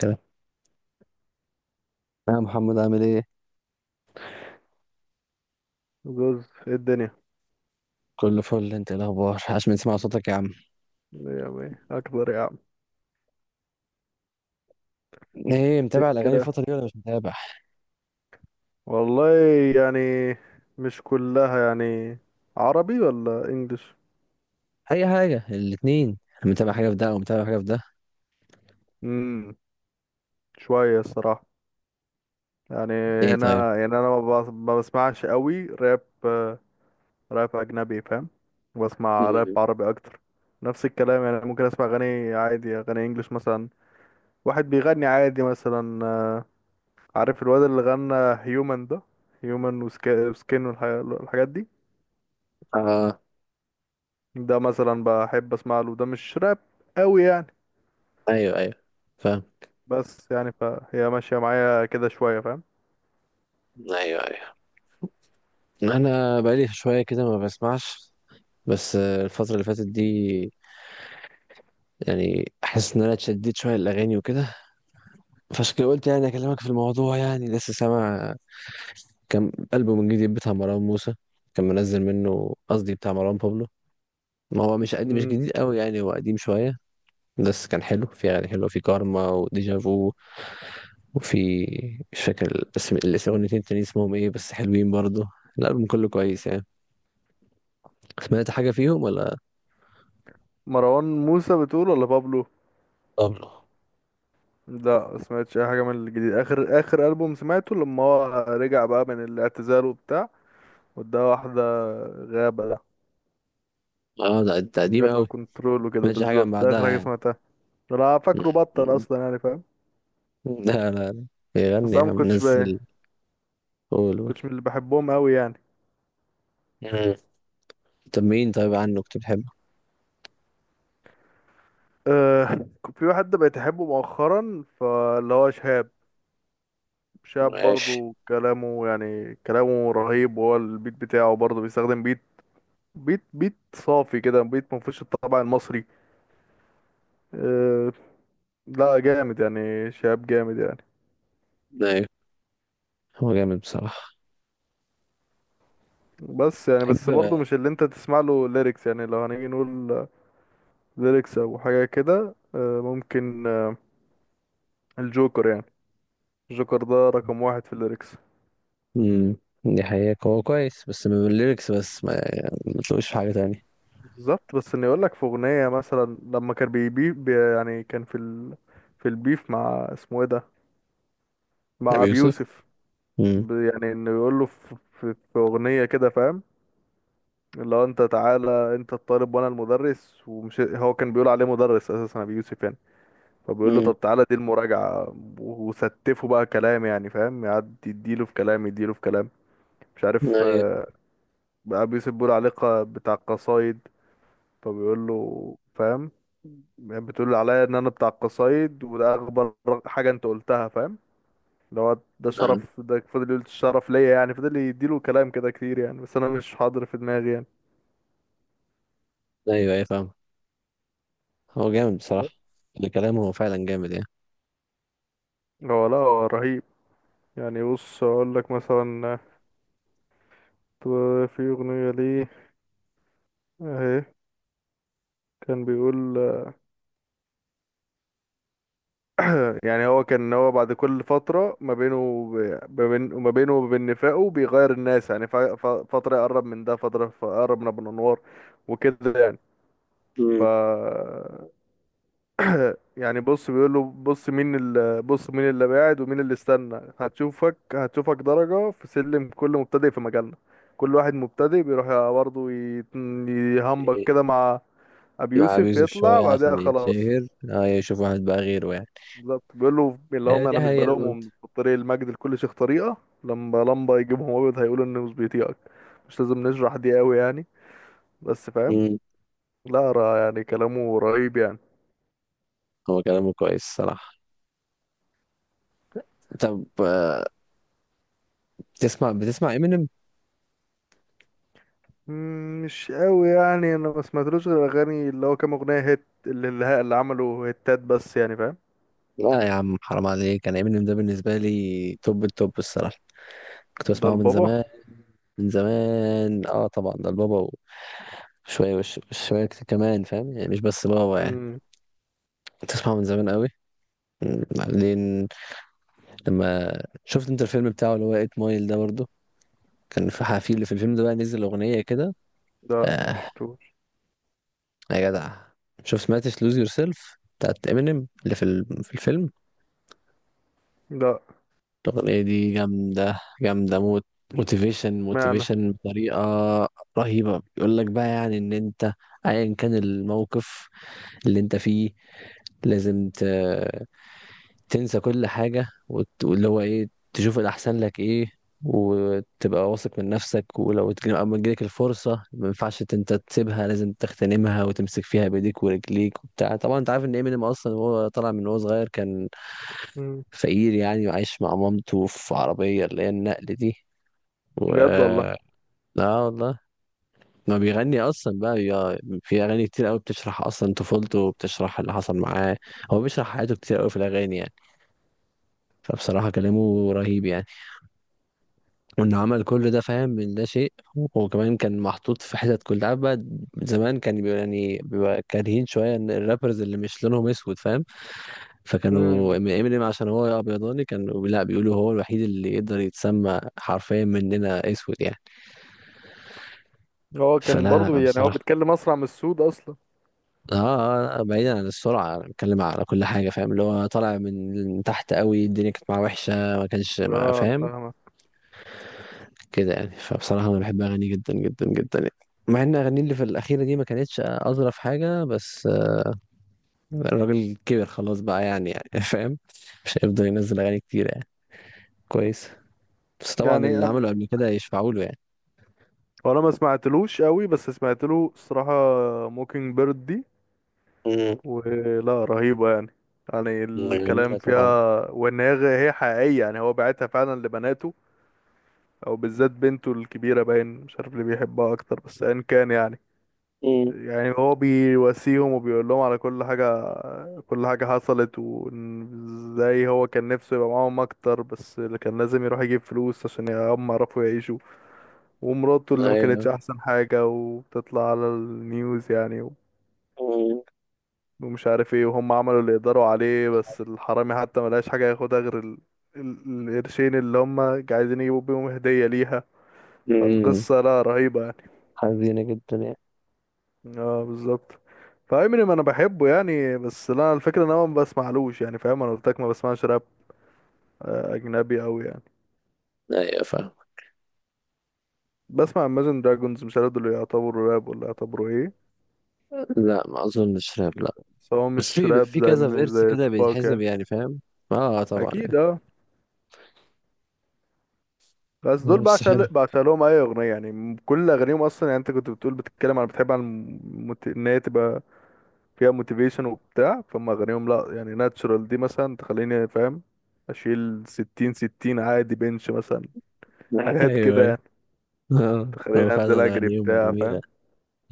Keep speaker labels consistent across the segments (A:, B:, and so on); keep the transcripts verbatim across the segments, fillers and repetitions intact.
A: كلام. يا محمد، عامل ايه؟
B: جوز إيه الدنيا.
A: كله فل. انت ايه الاخبار عشان نسمع صوتك يا عم؟
B: يعني اكبر يا عم.
A: ايه، متابع
B: ايه
A: الاغاني
B: كده،
A: الفترة دي ولا مش متابع؟
B: والله، يعني مش كلها يعني، عربي ولا انجليش.
A: اي حاجة، الاتنين. متابع حاجة في ده او متابع حاجة في ده؟
B: امم شويه الصراحه، يعني
A: ايه طيب؟
B: هنا يعني انا ما بس- ما بسمعش قوي راب، آه، راب اجنبي فاهم. بسمع راب
A: امم.
B: عربي اكتر. نفس الكلام، يعني ممكن اسمع اغاني عادي، اغاني انجليش مثلا، واحد بيغني عادي مثلا آه، عارف الواد اللي غنى هيومن ده، هيومن وسكين والحاجات دي،
A: اه،
B: ده مثلا بحب اسمع له. ده مش راب قوي يعني،
A: ايوه ايوه فاهم.
B: بس يعني فهي ماشية معايا كده شوية فاهم.
A: ايوه ايوه. انا بقالي شوية كده ما بسمعش، بس آه، الفترة اللي فاتت دي يعني احس ان انا اتشددت شوية الاغاني وكده. فعشان كده قلت يعني اكلمك في الموضوع. يعني لسه سامع كم ألبوم من جديد بتاع مروان موسى كان منزل منه؟ قصدي بتاع مروان بابلو. ما هو مش قد مش
B: امم
A: جديد قوي يعني، هو قديم شوية، بس كان حلو، في أغاني حلوة في كارما وديجافو، وفي مش فاكر الاسم الاسم، الاتنين التانيين اسمهم ايه، بس حلوين برضه. الألبوم كله كويس يعني. سمعت حاجة فيهم ولا؟
B: مروان موسى بتقول ولا بابلو؟
A: طبعا.
B: لا سمعتش اي حاجة من الجديد. اخر اخر ألبوم سمعته لما هو رجع بقى من الاعتزال وبتاع، وده واحدة غابة ده،
A: اه، ده ده قديم
B: غابة
A: قوي.
B: وكنترول وكده،
A: سمعتش حاجة من
B: بالظبط ده
A: بعدها
B: اخر حاجة
A: يعني؟
B: سمعتها. انا
A: م-
B: فاكره بطل
A: م-
B: اصلا يعني فاهم.
A: لا لا لا، يغني
B: بس انا
A: يا عم،
B: مكنتش بقى
A: نزل. قول قول.
B: مكنتش من اللي بحبهم قوي يعني.
A: مم. طب مين طيب عنه كنت بتحبه؟
B: أه في واحد بقيت احبه مؤخرا فاللي هو شهاب. شاب،
A: ماشي.
B: برضو كلامه يعني كلامه رهيب، وهو البيت بتاعه برضو بيستخدم بيت، بيت بيت صافي كده، بيت ما فيهوش الطبع المصري. أه لا جامد يعني، شاب جامد يعني.
A: ايوه، هو جامد بصراحة.
B: بس يعني بس، برضو
A: بحب.
B: مش اللي انت تسمع له ليركس يعني، لو هنيجي نقول ليركس او حاجة كده، أه ممكن، آه، الجوكر يعني. الجوكر ده رقم واحد في الليركس.
A: امم. دي حقيقة، هو كويس بس من الليركس بس، ما يعني ما تلاقوش في حاجة تانية.
B: بالظبط، بس اني اقول لك في اغنية مثلا لما كان بيبي بي يعني كان في ال... في البيف مع اسمه ايه ده، مع
A: أبي
B: ابي
A: يوسف.
B: يوسف.
A: امم
B: ب- يعني انه يقول له في, في, في اغنيه كده فاهم، اللي هو انت تعالى، انت الطالب وانا المدرس، ومش هو كان بيقول عليه مدرس اساسا ابي يوسف يعني. فبيقول له
A: امم.
B: طب تعالى دي المراجعه. و- وستفه بقى كلام يعني فاهم، يقعد يديله في كلام، يديله في كلام، مش عارف
A: أيوة.
B: آه، ابي يوسف بيقول عليه ق- بتاع القصايد، فبيقول له فاهم، بتقول عليا ان انا بتاع القصايد، وده اغبى حاجه انت قلتها فاهم، اللي هو ده
A: آه.
B: شرف، ده فضل يقول الشرف ليا يعني، فضل يديله كلام كده كتير يعني، بس انا مش حاضر في دماغي يعني.
A: أيوة أيوة فاهم. هو جامد بصراحة. الكلام هو فعلا جامد يعني.
B: هو لا هو رهيب يعني. بص اقول لك مثلا، آه، في اغنيه ليه اهي، كان بيقول آه، يعني هو كان هو بعد كل فتره ما بينه وب- ما بين، وما بينه وبين نفاقه بيغير الناس يعني، ف- ف- فتره يقرب من ده، فتره يقرب من ابو الانوار وكده يعني. ف
A: امم.
B: يعني بص بيقول له بص، مين اللي بص مين اللي بعد ومين اللي استنى، هتشوفك، هتشوفك درجة في سلم كل مبتدئ في مجالنا. كل واحد مبتدئ بيروح برضه يت- يهمبك كده مع أبي
A: مع أبي
B: يوسف،
A: يوسف
B: يطلع
A: شوية
B: بعدها
A: عشان
B: خلاص.
A: يتشهر، أه يشوف واحد بقى غيره يعني.
B: بالظبط، بيقول له اللي
A: آه،
B: هم
A: دي
B: أنا مش
A: حقيقة برضه.
B: بلومهم، في طريق المجد لكل شيخ طريقة. لما لمبة يجيبهم أبيض هيقولوا إنه مش بيطيقك. مش لازم نشرح دي قوي يعني، بس فاهم.
A: امم.
B: لا را- يعني كلامه رهيب يعني.
A: هو كلامه كويس صراحة. طب، آه، بتسمع بتسمع إمينيم؟
B: مم، مش قوي يعني، انا ما سمعتلوش غير اغاني اللي هو كام اغنيه هيت، اللي اللي اللي عملوا هيتات، بس يعني فاهم.
A: لا يا عم، حرام عليك، أنا إمينيم ده بالنسبة لي توب التوب الصراحة. كنت
B: ده
A: بسمعه من
B: البابا.
A: زمان. من زمان، اه طبعا، ده البابا. شوية، وش شوية كت- كمان، فاهم يعني، مش بس بابا يعني.
B: امم
A: تسمعه من زمان قوي. م، بعدين لما شفت انت الفيلم بتاعه، اللي هو ايت مايل ده برضه، كان في حفيل في الفيلم ده، بقى نزل أغنية كده.
B: لا ما
A: آه.
B: شفتوش.
A: يا جدع، شوف، سمعتش لوز يور سيلف بتاعت امينيم اللي في ال- في الفيلم؟
B: لا،
A: الأغنية دي جامدة جامدة موت. موتيفيشن
B: معنى.
A: موتيفيشن بطريقة رهيبة. بيقول لك بقى يعني ان انت ايا كان الموقف اللي انت فيه، لازم تنسى كل حاجة، وت- واللي هو ايه، تشوف الأحسن لك ايه، وتبقى واثق من نفسك، ولو اتج- أما تجيلك الفرصة ما ينفعش ت- انت تسيبها، لازم تغتنمها وتمسك فيها بإيديك ورجليك وبتاع. طبعا انت عارف ان امينيم اصلا، وهو طالع من وهو صغير، كان
B: امم
A: فقير يعني، وعايش مع مامته في عربية اللي هي النقل دي، و.
B: بجد والله.
A: لا والله، ما بيغني اصلا بقى، بيبقى في اغاني كتير قوي بتشرح اصلا طفولته وبتشرح اللي حصل معاه. هو بيشرح حياته كتير قوي في الاغاني يعني. فبصراحة كلامه رهيب يعني. وانه عمل كل ده، فاهم، من ده شيء، وكمان كان محطوط في حتت كلها، عارف بقى. زمان كان بيبقى يعني بيبقى كارهين شويه ان الرابرز اللي مش لونهم اسود، فاهم؟ فكانوا
B: امم
A: امينيم عشان هو ابيضاني كانوا لا بيقولوا هو الوحيد اللي يقدر يتسمى حرفيا مننا اسود يعني.
B: هو كان
A: فلا
B: برضو
A: لا
B: يعني هو
A: بصراحه.
B: بيتكلم اسرع من السود اصلا.
A: اه، آه، آه، بعيدا عن السرعه، أنا بتكلم على كل حاجه، فاهم، اللي هو طالع من تحت قوي، الدنيا كانت معاه وحشه، ما كانش ما
B: اه
A: فاهم
B: فاهمه.
A: كده يعني. فبصراحة أنا بحب أغانيه جدا جدا جدا يعني. مع إن أغانيه اللي في الأخيرة دي ما كانتش أظرف حاجة، بس آه، الراجل كبر خلاص بقى يعني يعني فاهم، مش هيفضل ينزل أغاني كتير يعني. كويس. بس طبعا
B: يعني
A: اللي
B: انا،
A: عمله قبل كده يشفعوا له يعني.
B: وانا ما سمعتلوش قوي، بس سمعت له الصراحه موكينج بيرد دي،
A: مم.
B: ولا رهيبه يعني. يعني الكلام
A: جميلة طبعا.
B: فيها، وان هي هي حقيقيه يعني، هو بعتها فعلا لبناته، او بالذات بنته الكبيره باين، مش عارف اللي بيحبها اكتر، بس ان كان يعني،
A: مم.
B: يعني هو بيواسيهم وبيقول لهم على كل حاجه، كل حاجه حصلت، وازاي هو كان نفسه يبقى معاهم اكتر، بس اللي كان لازم يروح يجيب فلوس عشان هم يعرفوا يعيشوا، ومراته اللي ما كانتش
A: أيوه.
B: احسن حاجه وبتطلع على النيوز يعني، و-
A: مم.
B: ومش عارف ايه، وهم عملوا اللي يقدروا عليه، بس الحرامي حتى ملقاش حاجه ياخدها غير ال... ال- القرشين اللي هم عايزين يجيبوا بيهم هديه ليها.
A: امم.
B: فالقصه لا رهيبه.
A: حزينة جدا يعني.
B: اه بالظبط. فامينيم انا بحبه يعني، بس لا الفكره ان انا ما بسمعلوش يعني فاهم، انا قلت لك ما بسمعش راب آه، اجنبي قوي يعني.
A: ايوه فاهم.
B: بسمع Imagine Dragons، مش عارف دول يعتبروا راب ولا يعتبروا ايه.
A: لا ما اظنش راب، لا.
B: بس هو
A: بس في،
B: مش
A: بيبقى
B: راب
A: في
B: زي،
A: كذا فيرس
B: زي
A: كده
B: توباك
A: بيتحسب
B: يعني.
A: يعني، فاهم. اه طبعا
B: اكيد
A: يعني.
B: اه. بس دول
A: آه، بس حلو.
B: بعشق بعشق لهم اي اغنيه يعني، م- كل اغانيهم اصلا يعني، انت كنت بتقول بتتكلم عن، بتحب عن المت... ان هي تبقى فيها موتيفيشن وبتاع. فما اغانيهم لا يعني، ناتشورال دي مثلا تخليني فاهم، اشيل ستين ستين عادي بنش مثلا، حاجات
A: ايوه أيوة.
B: كده
A: اه
B: تخليني
A: هو فعلا
B: انزل اجري
A: اغانيهم
B: بتاع
A: جميله.
B: فاهم.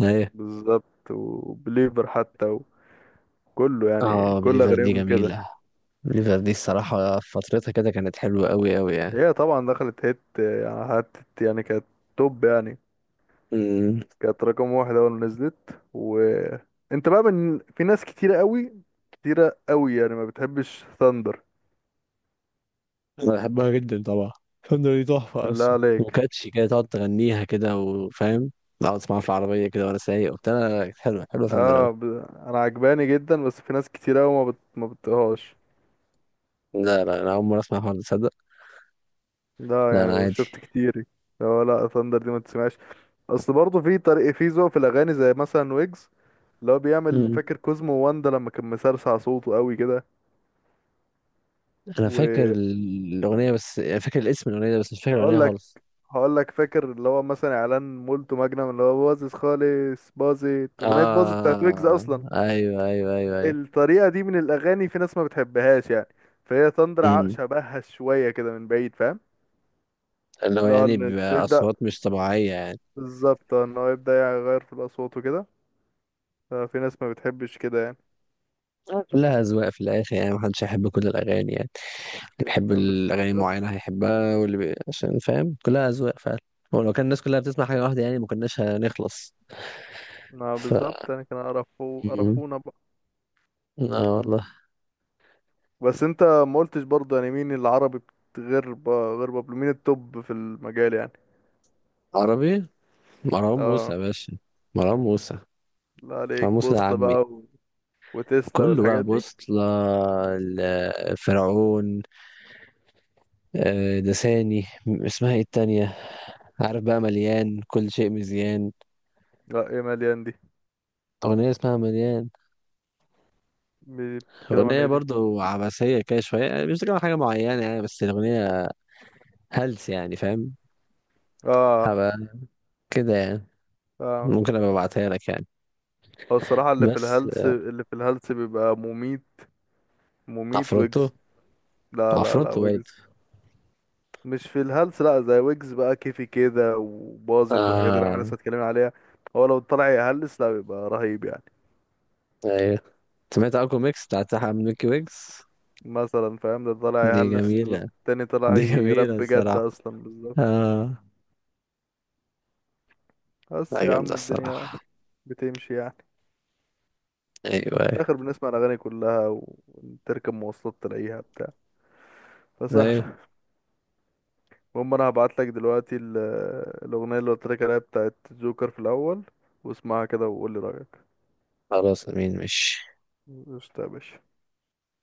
A: ايوه.
B: بالظبط، وبليفر حتى، وكله يعني
A: اه،
B: كل
A: بليفر دي
B: اغانيهم كده.
A: جميله. بليفر دي الصراحه في فترتها كده كانت حلوه قوي قوي يعني.
B: هي طبعا دخلت هيت يعني حتت يعني كانت توب يعني.
A: امم.
B: كانت رقم واحد اول ما نزلت. وانت بقى من في ناس كتيرة قوي، كتيرة قوي يعني ما بتحبش ثاندر.
A: انا بحبها جدا طبعا. فندق دي تحفه
B: بالله
A: اصلا،
B: عليك!
A: وكاتشي كده تقعد تغنيها كده، وفاهم، اقعد اسمعها في العربيه كده وانا سايق وبتاع. لا، لا، كانت حلوه حلوه فندق أوي.
B: اه ب... انا عجباني جدا، بس في ناس كتيرة قوي ما بت... ما بتطيقهاش.
A: لا لا، انا اول مره اسمع حوار ده، تصدق.
B: لا
A: لا، انا
B: يعني
A: عادي.
B: شفت كتير. لا، لا، ثاندر دي ما تسمعش. اصل برضه في طريق، في ذوق في الاغاني زي مثلا ويجز، اللي هو بيعمل
A: مم.
B: فاكر كوزمو واندا لما كان مسرسع صوته قوي كده.
A: انا فاكر
B: وهقول
A: الاغنيه، بس فاكر الاسم الاغنيه ده، بس مش فاكر الاغنيه
B: لك
A: خالص.
B: هقول لك، فاكر اللي هو مثلا اعلان مولتو ماجنم اللي هو باظظ خالص، باظت اغنيه، باظت بتاعت ويجز
A: اه
B: اصلا.
A: ايوه ايوه ايوه ايوه.
B: الطريقه دي من الاغاني في ناس ما بتحبهاش يعني، فهي تندر ع-
A: مم.
B: شبهها شويه كده من بعيد فاهم.
A: اللي هو
B: لا
A: يعني
B: ان تبدا،
A: بأصوات مش طبيعية يعني.
B: بالظبط، آه، ان هو يبدا يغير في الاصوات وكده، ففي ناس ما بتحبش كده يعني.
A: آه، كلها أذواق في الآخر يعني، محدش هيحب كل الأغاني يعني، اللي بيحب
B: يعني
A: الأغاني
B: بالظبط.
A: معينة هيحبها، واللي بي... عشان فاهم، كلها أذواق فعلا. ولو كان الناس كلها بتسمع حاجة واحدة يعني ما كناش هنخلص.
B: ما
A: ف.
B: بالظبط يعني، كان قرفو
A: مم.
B: قرفونا بقى.
A: آه والله.
B: بس انت ما قلتش برضه يعني مين العربي بت- غير ب- غير بابلو، مين التوب في المجال يعني؟
A: عربي، مروان موسى
B: اه،
A: يا باشا. مروان موسى.
B: لا
A: مروان
B: عليك
A: موسى ده
B: بوصلة
A: عمي.
B: بقى، و... وتسلا
A: كله بقى
B: والحاجات دي.
A: بوصلة. ال- فرعون. آه، لساني، م- اسمها ايه التانية؟ عارف بقى، مليان كل شيء مزيان،
B: لا ايه مليان دي؟
A: أغنية اسمها مليان.
B: مي- بتتكلم عن
A: أغنية
B: ايه دي؟
A: برضو عبثية كده شوية يعني، مش بتكلم عن حاجة معينة يعني، بس الأغنية هلس يعني، فاهم.
B: اه.
A: هبقى كده يعني،
B: اه.
A: ممكن أبقى أبعتها لك يعني.
B: هو الصراحة اللي في
A: بس.
B: الهلس، اللي في الهلس بيبقى مميت. مميت
A: عفروتو.
B: ويجز. لا، لا، لا،
A: عفروتو برضه.
B: ويجز مش في الهلس، لا زي ويجز بقى كيفي كده وباظت والحاجات اللي احنا
A: آه.
B: لسه اتكلمنا عليها. هو لو طلع يهلس لا بيبقى رهيب يعني،
A: أيوة. سمعت أكو ميكس بتاعت أحمد ميكي ويكس؟
B: مثلا فاهم، ده طالع
A: دي
B: يهلس
A: جميلة.
B: والتاني طالع
A: دي جميلة
B: يرب جد
A: الصراحة.
B: اصلا، بالظبط.
A: آه.
B: بس
A: لا،
B: يا
A: جامدة
B: عم الدنيا
A: الصراحة.
B: بتمشي يعني،
A: أيوة
B: في الاخر
A: أيوة
B: بنسمع الاغاني كلها، و- وتركب مواصلات تلاقيها بتاع
A: أيوة.
B: فسهل. المهم انا هبعت لك دلوقتي ال- الاغنيه اللي قلت لك عليها بتاعت جوكر في الاول، واسمعها كده وقول لي رايك.
A: خلاص أمين، ماشي.
B: قشطة يا باشا.